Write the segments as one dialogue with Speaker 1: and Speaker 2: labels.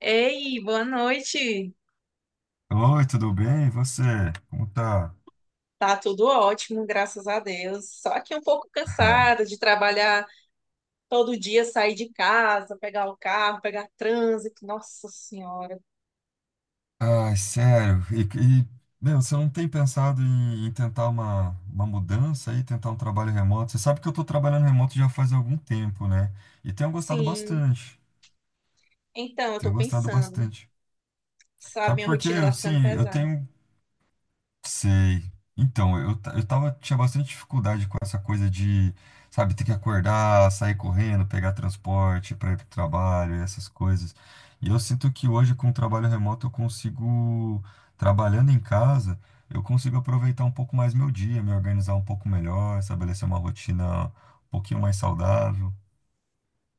Speaker 1: Ei, boa noite.
Speaker 2: Oi, tudo bem? E você? Como tá?
Speaker 1: Tá tudo ótimo, graças a Deus. Só que um pouco cansada de trabalhar todo dia, sair de casa, pegar o carro, pegar trânsito. Nossa Senhora.
Speaker 2: Ai, sério. E, meu, você não tem pensado em tentar uma mudança aí, tentar um trabalho remoto? Você sabe que eu tô trabalhando remoto já faz algum tempo, né? E tenho gostado
Speaker 1: Sim.
Speaker 2: bastante.
Speaker 1: Então, eu
Speaker 2: Tenho
Speaker 1: tô
Speaker 2: gostado
Speaker 1: pensando,
Speaker 2: bastante.
Speaker 1: sabe,
Speaker 2: Sabe
Speaker 1: minha
Speaker 2: por quê?
Speaker 1: rotina tá ficando
Speaker 2: Assim, eu
Speaker 1: pesada.
Speaker 2: tenho. Sei. Então, eu tinha bastante dificuldade com essa coisa de, sabe, ter que acordar, sair correndo, pegar transporte para ir pro trabalho, essas coisas. E eu sinto que hoje, com o trabalho remoto, eu consigo, trabalhando em casa, eu consigo aproveitar um pouco mais meu dia, me organizar um pouco melhor, estabelecer uma rotina um pouquinho mais saudável.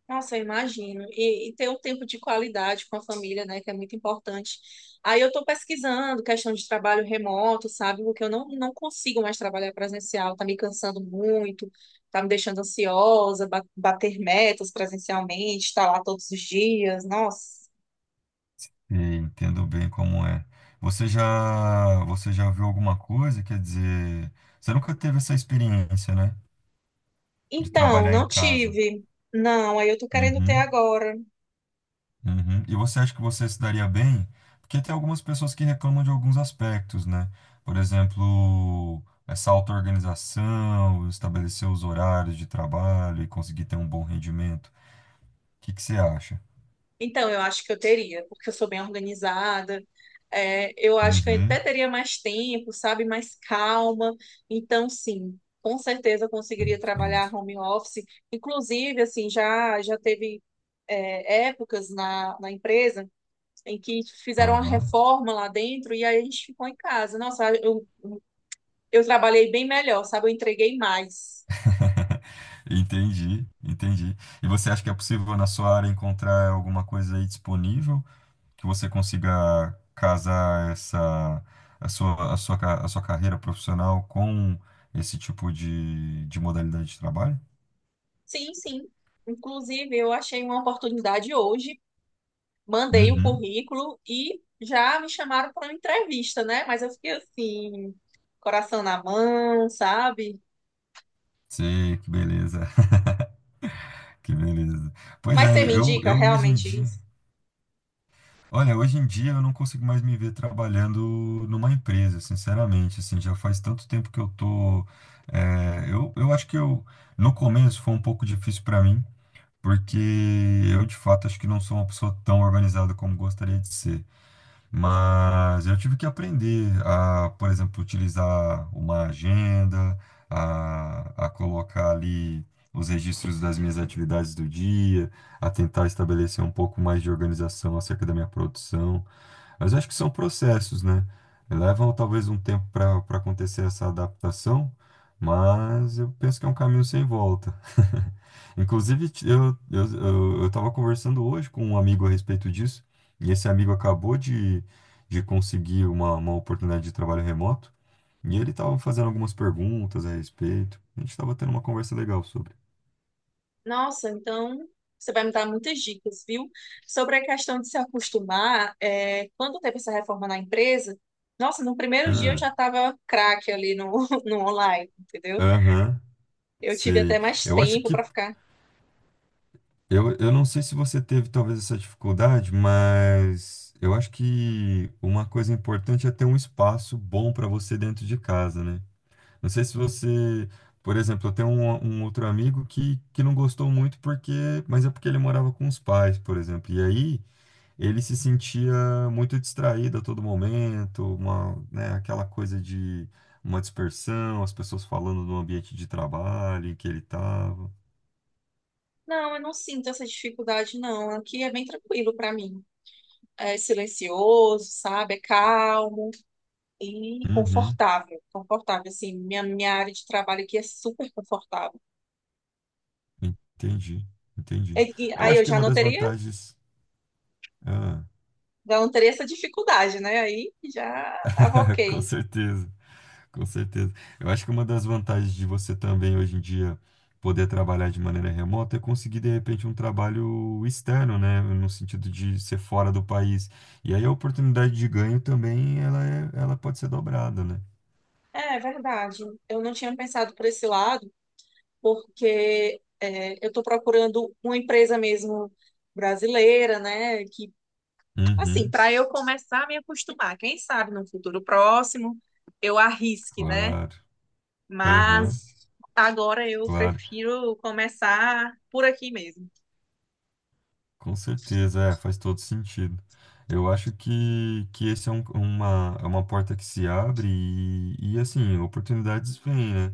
Speaker 1: Nossa, eu imagino. E ter um tempo de qualidade com a família, né, que é muito importante. Aí eu estou pesquisando questão de trabalho remoto, sabe? Porque eu não consigo mais trabalhar presencial, tá me cansando muito, tá me deixando ansiosa, bater metas presencialmente, estar lá todos os dias, nossa.
Speaker 2: E entendo bem como é. Você já viu alguma coisa? Quer dizer, você nunca teve essa experiência, né? De
Speaker 1: Então,
Speaker 2: trabalhar em
Speaker 1: não
Speaker 2: casa.
Speaker 1: tive. Não, aí eu tô querendo ter
Speaker 2: Uhum,
Speaker 1: agora.
Speaker 2: uhum. E você acha que você se daria bem? Porque tem algumas pessoas que reclamam de alguns aspectos, né? Por exemplo, essa auto-organização, estabelecer os horários de trabalho e conseguir ter um bom rendimento. O que que você acha?
Speaker 1: Então, eu acho que eu teria, porque eu sou bem organizada. É, eu acho que eu até
Speaker 2: Uhum,
Speaker 1: teria mais tempo, sabe? Mais calma. Então, sim, com certeza eu conseguiria
Speaker 2: entendo.
Speaker 1: trabalhar home office. Inclusive, assim, já teve, épocas na empresa em que fizeram uma
Speaker 2: Aham.
Speaker 1: reforma lá dentro e aí a gente ficou em casa. Nossa, eu trabalhei bem melhor, sabe? Eu entreguei mais.
Speaker 2: Entendi, entendi. E você acha que é possível na sua área encontrar alguma coisa aí disponível que você consiga casar essa a sua carreira profissional com esse tipo de modalidade de trabalho?
Speaker 1: Sim, sim. Inclusive, eu achei uma oportunidade hoje, mandei o
Speaker 2: Uhum.
Speaker 1: currículo e já me chamaram para uma entrevista, né? Mas eu fiquei assim, coração na mão, sabe?
Speaker 2: Sei, que beleza, que beleza. Pois
Speaker 1: Mas
Speaker 2: é,
Speaker 1: você me indica
Speaker 2: eu hoje em
Speaker 1: realmente
Speaker 2: dia,
Speaker 1: isso?
Speaker 2: olha, hoje em dia eu não consigo mais me ver trabalhando numa empresa, sinceramente, assim, já faz tanto tempo que eu tô, eu acho que eu. No começo foi um pouco difícil para mim, porque eu de fato acho que não sou uma pessoa tão organizada como gostaria de ser. Mas eu tive que aprender a, por exemplo, utilizar uma agenda, a colocar ali os registros das minhas atividades do dia, a tentar estabelecer um pouco mais de organização acerca da minha produção. Mas eu acho que são processos, né? Levam talvez um tempo para acontecer essa adaptação, mas eu penso que é um caminho sem volta. Inclusive, eu estava conversando hoje com um amigo a respeito disso, e esse amigo acabou de conseguir uma oportunidade de trabalho remoto, e ele estava fazendo algumas perguntas a respeito. A gente estava tendo uma conversa legal sobre.
Speaker 1: Nossa, então você vai me dar muitas dicas, viu? Sobre a questão de se acostumar, é, quando teve essa reforma na empresa, nossa, no primeiro dia eu
Speaker 2: Ah,
Speaker 1: já estava craque ali no, no online, entendeu?
Speaker 2: aham,
Speaker 1: Eu tive até
Speaker 2: sei.
Speaker 1: mais
Speaker 2: Eu acho
Speaker 1: tempo
Speaker 2: que
Speaker 1: para ficar.
Speaker 2: eu não sei se você teve talvez essa dificuldade, mas eu acho que uma coisa importante é ter um espaço bom para você dentro de casa, né? Não sei se você, por exemplo, eu tenho um outro amigo que não gostou muito porque, mas é porque ele morava com os pais, por exemplo. E aí ele se sentia muito distraído a todo momento, uma, né, aquela coisa de uma dispersão, as pessoas falando do ambiente de trabalho em que ele estava.
Speaker 1: Não, eu não sinto essa dificuldade, não. Aqui é bem tranquilo para mim. É silencioso, sabe? É calmo e confortável, confortável, assim, minha área de trabalho aqui é super confortável.
Speaker 2: Entendi,
Speaker 1: E,
Speaker 2: entendi.
Speaker 1: e
Speaker 2: Eu
Speaker 1: aí
Speaker 2: acho
Speaker 1: eu
Speaker 2: que uma das vantagens. Ah,
Speaker 1: já não teria essa dificuldade, né? Aí já tava
Speaker 2: com
Speaker 1: ok.
Speaker 2: certeza, com certeza. Eu acho que uma das vantagens de você também hoje em dia poder trabalhar de maneira remota é conseguir de repente um trabalho externo, né? No sentido de ser fora do país. E aí a oportunidade de ganho também ela pode ser dobrada, né?
Speaker 1: É, é verdade. Eu não tinha pensado por esse lado, porque é, eu estou procurando uma empresa mesmo brasileira, né? Que, assim,
Speaker 2: Uhum,
Speaker 1: para eu começar a me acostumar, quem sabe no futuro próximo eu arrisque, né?
Speaker 2: claro. Aham,
Speaker 1: Mas agora eu
Speaker 2: claro.
Speaker 1: prefiro começar por aqui mesmo.
Speaker 2: Com certeza, é, faz todo sentido. Eu acho que esse é é uma porta que se abre e, assim, oportunidades vêm, né?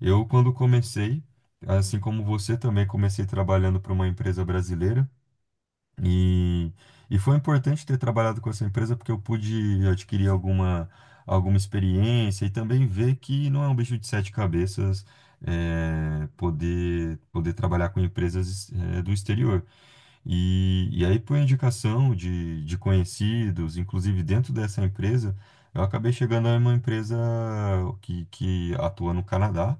Speaker 2: Eu, quando comecei, assim como você também, comecei trabalhando para uma empresa brasileira e, e foi importante ter trabalhado com essa empresa porque eu pude adquirir alguma experiência e também ver que não é um bicho de sete cabeças, é, poder trabalhar com empresas, é, do exterior. E aí, por indicação de conhecidos, inclusive dentro dessa empresa, eu acabei chegando a uma empresa que atua no Canadá.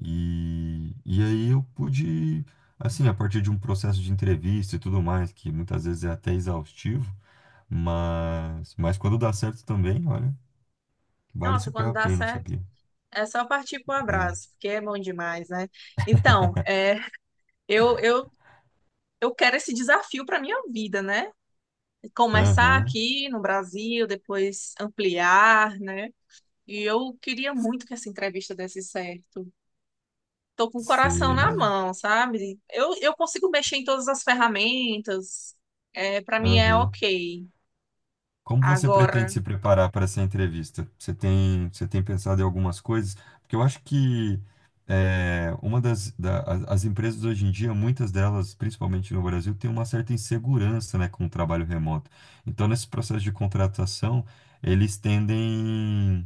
Speaker 2: E aí eu pude, assim, a partir de um processo de entrevista e tudo mais, que muitas vezes é até exaustivo, mas quando dá certo também, olha, vale
Speaker 1: Nossa,
Speaker 2: super
Speaker 1: quando
Speaker 2: a
Speaker 1: dá
Speaker 2: pena,
Speaker 1: certo,
Speaker 2: sabia?
Speaker 1: é só partir pro
Speaker 2: Né?
Speaker 1: abraço, porque é bom demais, né? Então, é, eu, eu, eu quero esse desafio para minha vida, né? Começar
Speaker 2: Aham,
Speaker 1: aqui no Brasil, depois ampliar, né? E eu queria muito que essa entrevista desse certo. Tô com o coração
Speaker 2: sei,
Speaker 1: na
Speaker 2: mas.
Speaker 1: mão, sabe? Eu consigo mexer em todas as ferramentas, é, para mim é
Speaker 2: Aham.
Speaker 1: ok.
Speaker 2: Como você
Speaker 1: Agora.
Speaker 2: pretende se preparar para essa entrevista? Você tem pensado em algumas coisas? Porque eu acho que é, uma das as as empresas hoje em dia, muitas delas, principalmente no Brasil, têm uma certa insegurança, né, com o trabalho remoto. Então, nesse processo de contratação, eles tendem,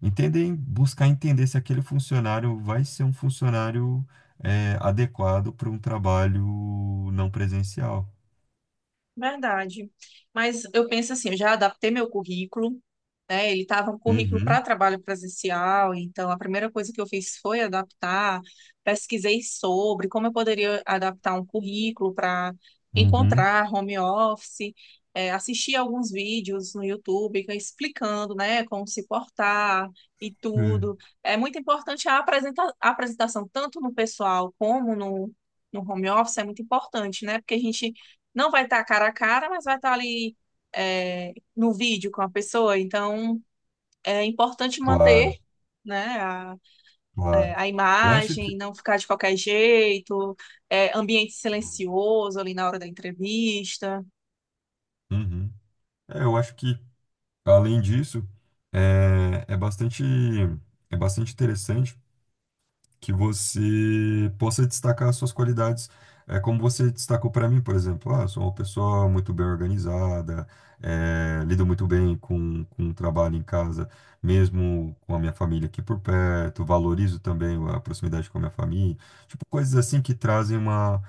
Speaker 2: entendem, buscar entender se aquele funcionário vai ser um funcionário é, adequado para um trabalho não presencial.
Speaker 1: Verdade. Mas eu penso assim, eu já adaptei meu currículo, né? Ele estava um currículo para
Speaker 2: Uhum,
Speaker 1: trabalho presencial, então a primeira coisa que eu fiz foi adaptar, pesquisei sobre como eu poderia adaptar um currículo para
Speaker 2: uhum.
Speaker 1: encontrar home office, assisti alguns vídeos no YouTube explicando, né, como se portar e
Speaker 2: Hum.
Speaker 1: tudo. É muito importante a a apresentação, tanto no pessoal como no, no home office, é muito importante, né? Porque a gente não vai estar cara a cara, mas vai estar ali, é, no vídeo com a pessoa. Então, é importante manter,
Speaker 2: Claro.
Speaker 1: né, a, é,
Speaker 2: Claro.
Speaker 1: a
Speaker 2: Eu acho que.
Speaker 1: imagem, não ficar de qualquer jeito, é, ambiente silencioso ali na hora da entrevista.
Speaker 2: Uhum. É, eu acho que, além disso, é, é bastante interessante que você possa destacar as suas qualidades. É como você destacou para mim, por exemplo. Ah, eu sou uma pessoa muito bem organizada, é, lido muito bem com o trabalho em casa, mesmo com a minha família aqui por perto, valorizo também a proximidade com a minha família. Tipo, coisas assim que trazem uma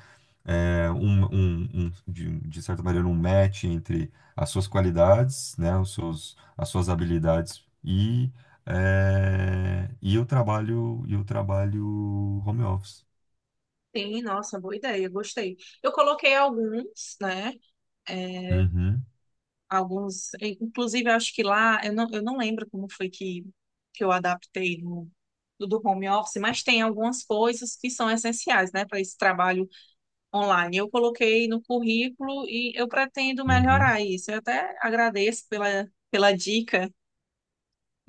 Speaker 2: é, de certa maneira, um match entre as suas qualidades, né, as suas habilidades e, é, e o trabalho home office.
Speaker 1: Sim, nossa, boa ideia, gostei. Eu coloquei alguns, né, é,
Speaker 2: Uhum,
Speaker 1: alguns, inclusive eu acho que lá, eu não lembro como foi que eu adaptei no do home office, mas tem algumas coisas que são essenciais, né, para esse trabalho online. Eu coloquei no currículo e eu pretendo
Speaker 2: uhum,
Speaker 1: melhorar isso. Eu até agradeço pela dica,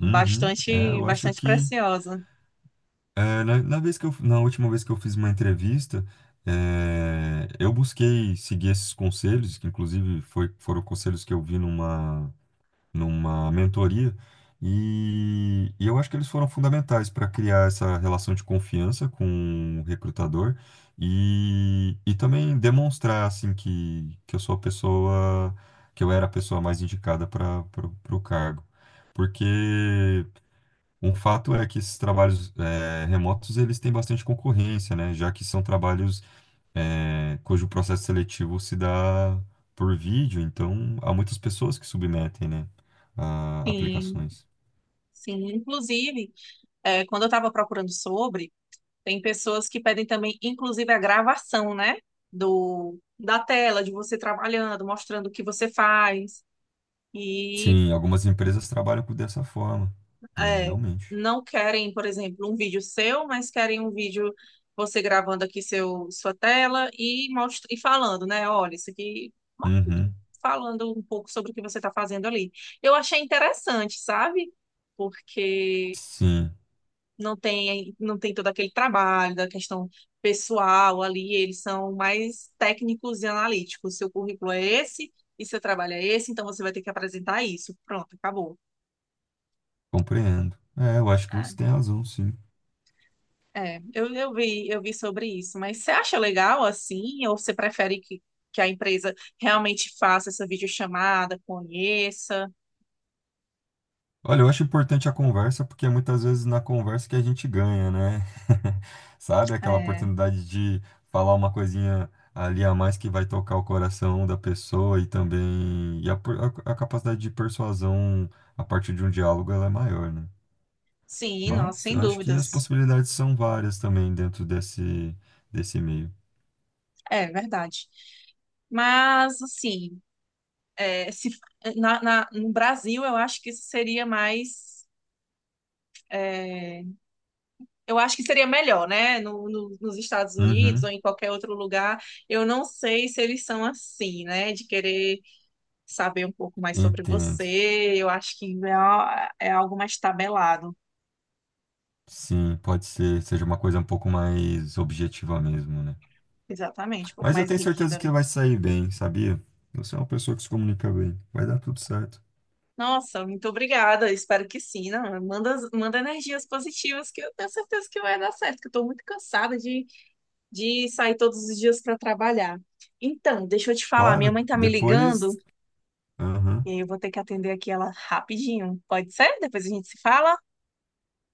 Speaker 2: uhum. É, eu acho
Speaker 1: bastante
Speaker 2: que
Speaker 1: preciosa.
Speaker 2: é, na última vez que eu fiz uma entrevista, é, eu busquei seguir esses conselhos, que inclusive foram conselhos que eu vi numa mentoria, e eu acho que eles foram fundamentais para criar essa relação de confiança com o recrutador e também demonstrar assim que eu sou a pessoa, que eu era a pessoa mais indicada para o cargo. Porque um fato é que esses trabalhos eh, remotos eles têm bastante concorrência, né? Já que são trabalhos é, cujo processo seletivo se dá por vídeo, então há muitas pessoas que submetem, né, a
Speaker 1: Sim,
Speaker 2: aplicações.
Speaker 1: sim. Inclusive, é, quando eu estava procurando sobre, tem pessoas que pedem também, inclusive, a gravação, né? Da tela, de você trabalhando, mostrando o que você faz. E
Speaker 2: Sim, algumas empresas trabalham com- dessa forma, né,
Speaker 1: é,
Speaker 2: realmente.
Speaker 1: não querem, por exemplo, um vídeo seu, mas querem um vídeo você gravando aqui seu, sua tela e, e falando, né? Olha, isso aqui,
Speaker 2: Uhum,
Speaker 1: falando um pouco sobre o que você está fazendo ali. Eu achei interessante, sabe? Porque
Speaker 2: sim,
Speaker 1: não tem todo aquele trabalho da questão pessoal ali, eles são mais técnicos e analíticos. Seu currículo é esse e seu trabalho é esse, então você vai ter que apresentar isso. Pronto, acabou.
Speaker 2: compreendo. É, eu acho que você tem razão, sim.
Speaker 1: É, eu vi sobre isso, mas você acha legal assim, ou você prefere que a empresa realmente faça essa videochamada, conheça?
Speaker 2: Olha, eu acho importante a conversa porque é muitas vezes na conversa que a gente ganha, né? Sabe, aquela
Speaker 1: É,
Speaker 2: oportunidade de falar uma coisinha ali a mais que vai tocar o coração da pessoa e também a capacidade de persuasão a partir de um diálogo ela é maior, né?
Speaker 1: sim, nossa,
Speaker 2: Mas
Speaker 1: sem
Speaker 2: eu acho que as
Speaker 1: dúvidas.
Speaker 2: possibilidades são várias também dentro desse meio.
Speaker 1: É verdade. Mas assim, é, se, na, no Brasil eu acho que isso seria mais, é, eu acho que seria melhor, né? No, nos Estados Unidos ou
Speaker 2: Uhum,
Speaker 1: em qualquer outro lugar, eu não sei se eles são assim, né? De querer saber um pouco mais sobre
Speaker 2: entendo.
Speaker 1: você. Eu acho que é, é algo mais tabelado,
Speaker 2: Sim, pode ser, seja uma coisa um pouco mais objetiva mesmo, né?
Speaker 1: exatamente, um pouco
Speaker 2: Mas eu
Speaker 1: mais
Speaker 2: tenho
Speaker 1: rígido
Speaker 2: certeza que
Speaker 1: ali.
Speaker 2: vai sair bem, sabia? Você é uma pessoa que se comunica bem. Vai dar tudo certo.
Speaker 1: Nossa, muito obrigada. Espero que sim. Não, manda, manda energias positivas, que eu tenho certeza que vai dar certo, que eu estou muito cansada de sair todos os dias para trabalhar. Então, deixa eu te falar, minha
Speaker 2: Claro,
Speaker 1: mãe tá me ligando
Speaker 2: depois. Aham.
Speaker 1: e aí eu vou ter que atender aqui ela rapidinho. Pode ser? Depois a gente se fala?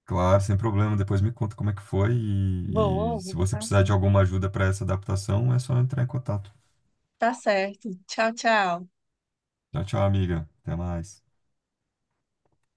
Speaker 2: Claro, sem problema. Depois me conta como é que foi. E
Speaker 1: Vou, vou
Speaker 2: se você
Speaker 1: cantar
Speaker 2: precisar de
Speaker 1: assim.
Speaker 2: alguma ajuda para essa adaptação, é só entrar em contato.
Speaker 1: Tá certo. Tchau, tchau.
Speaker 2: Tchau, tchau, amiga. Até mais.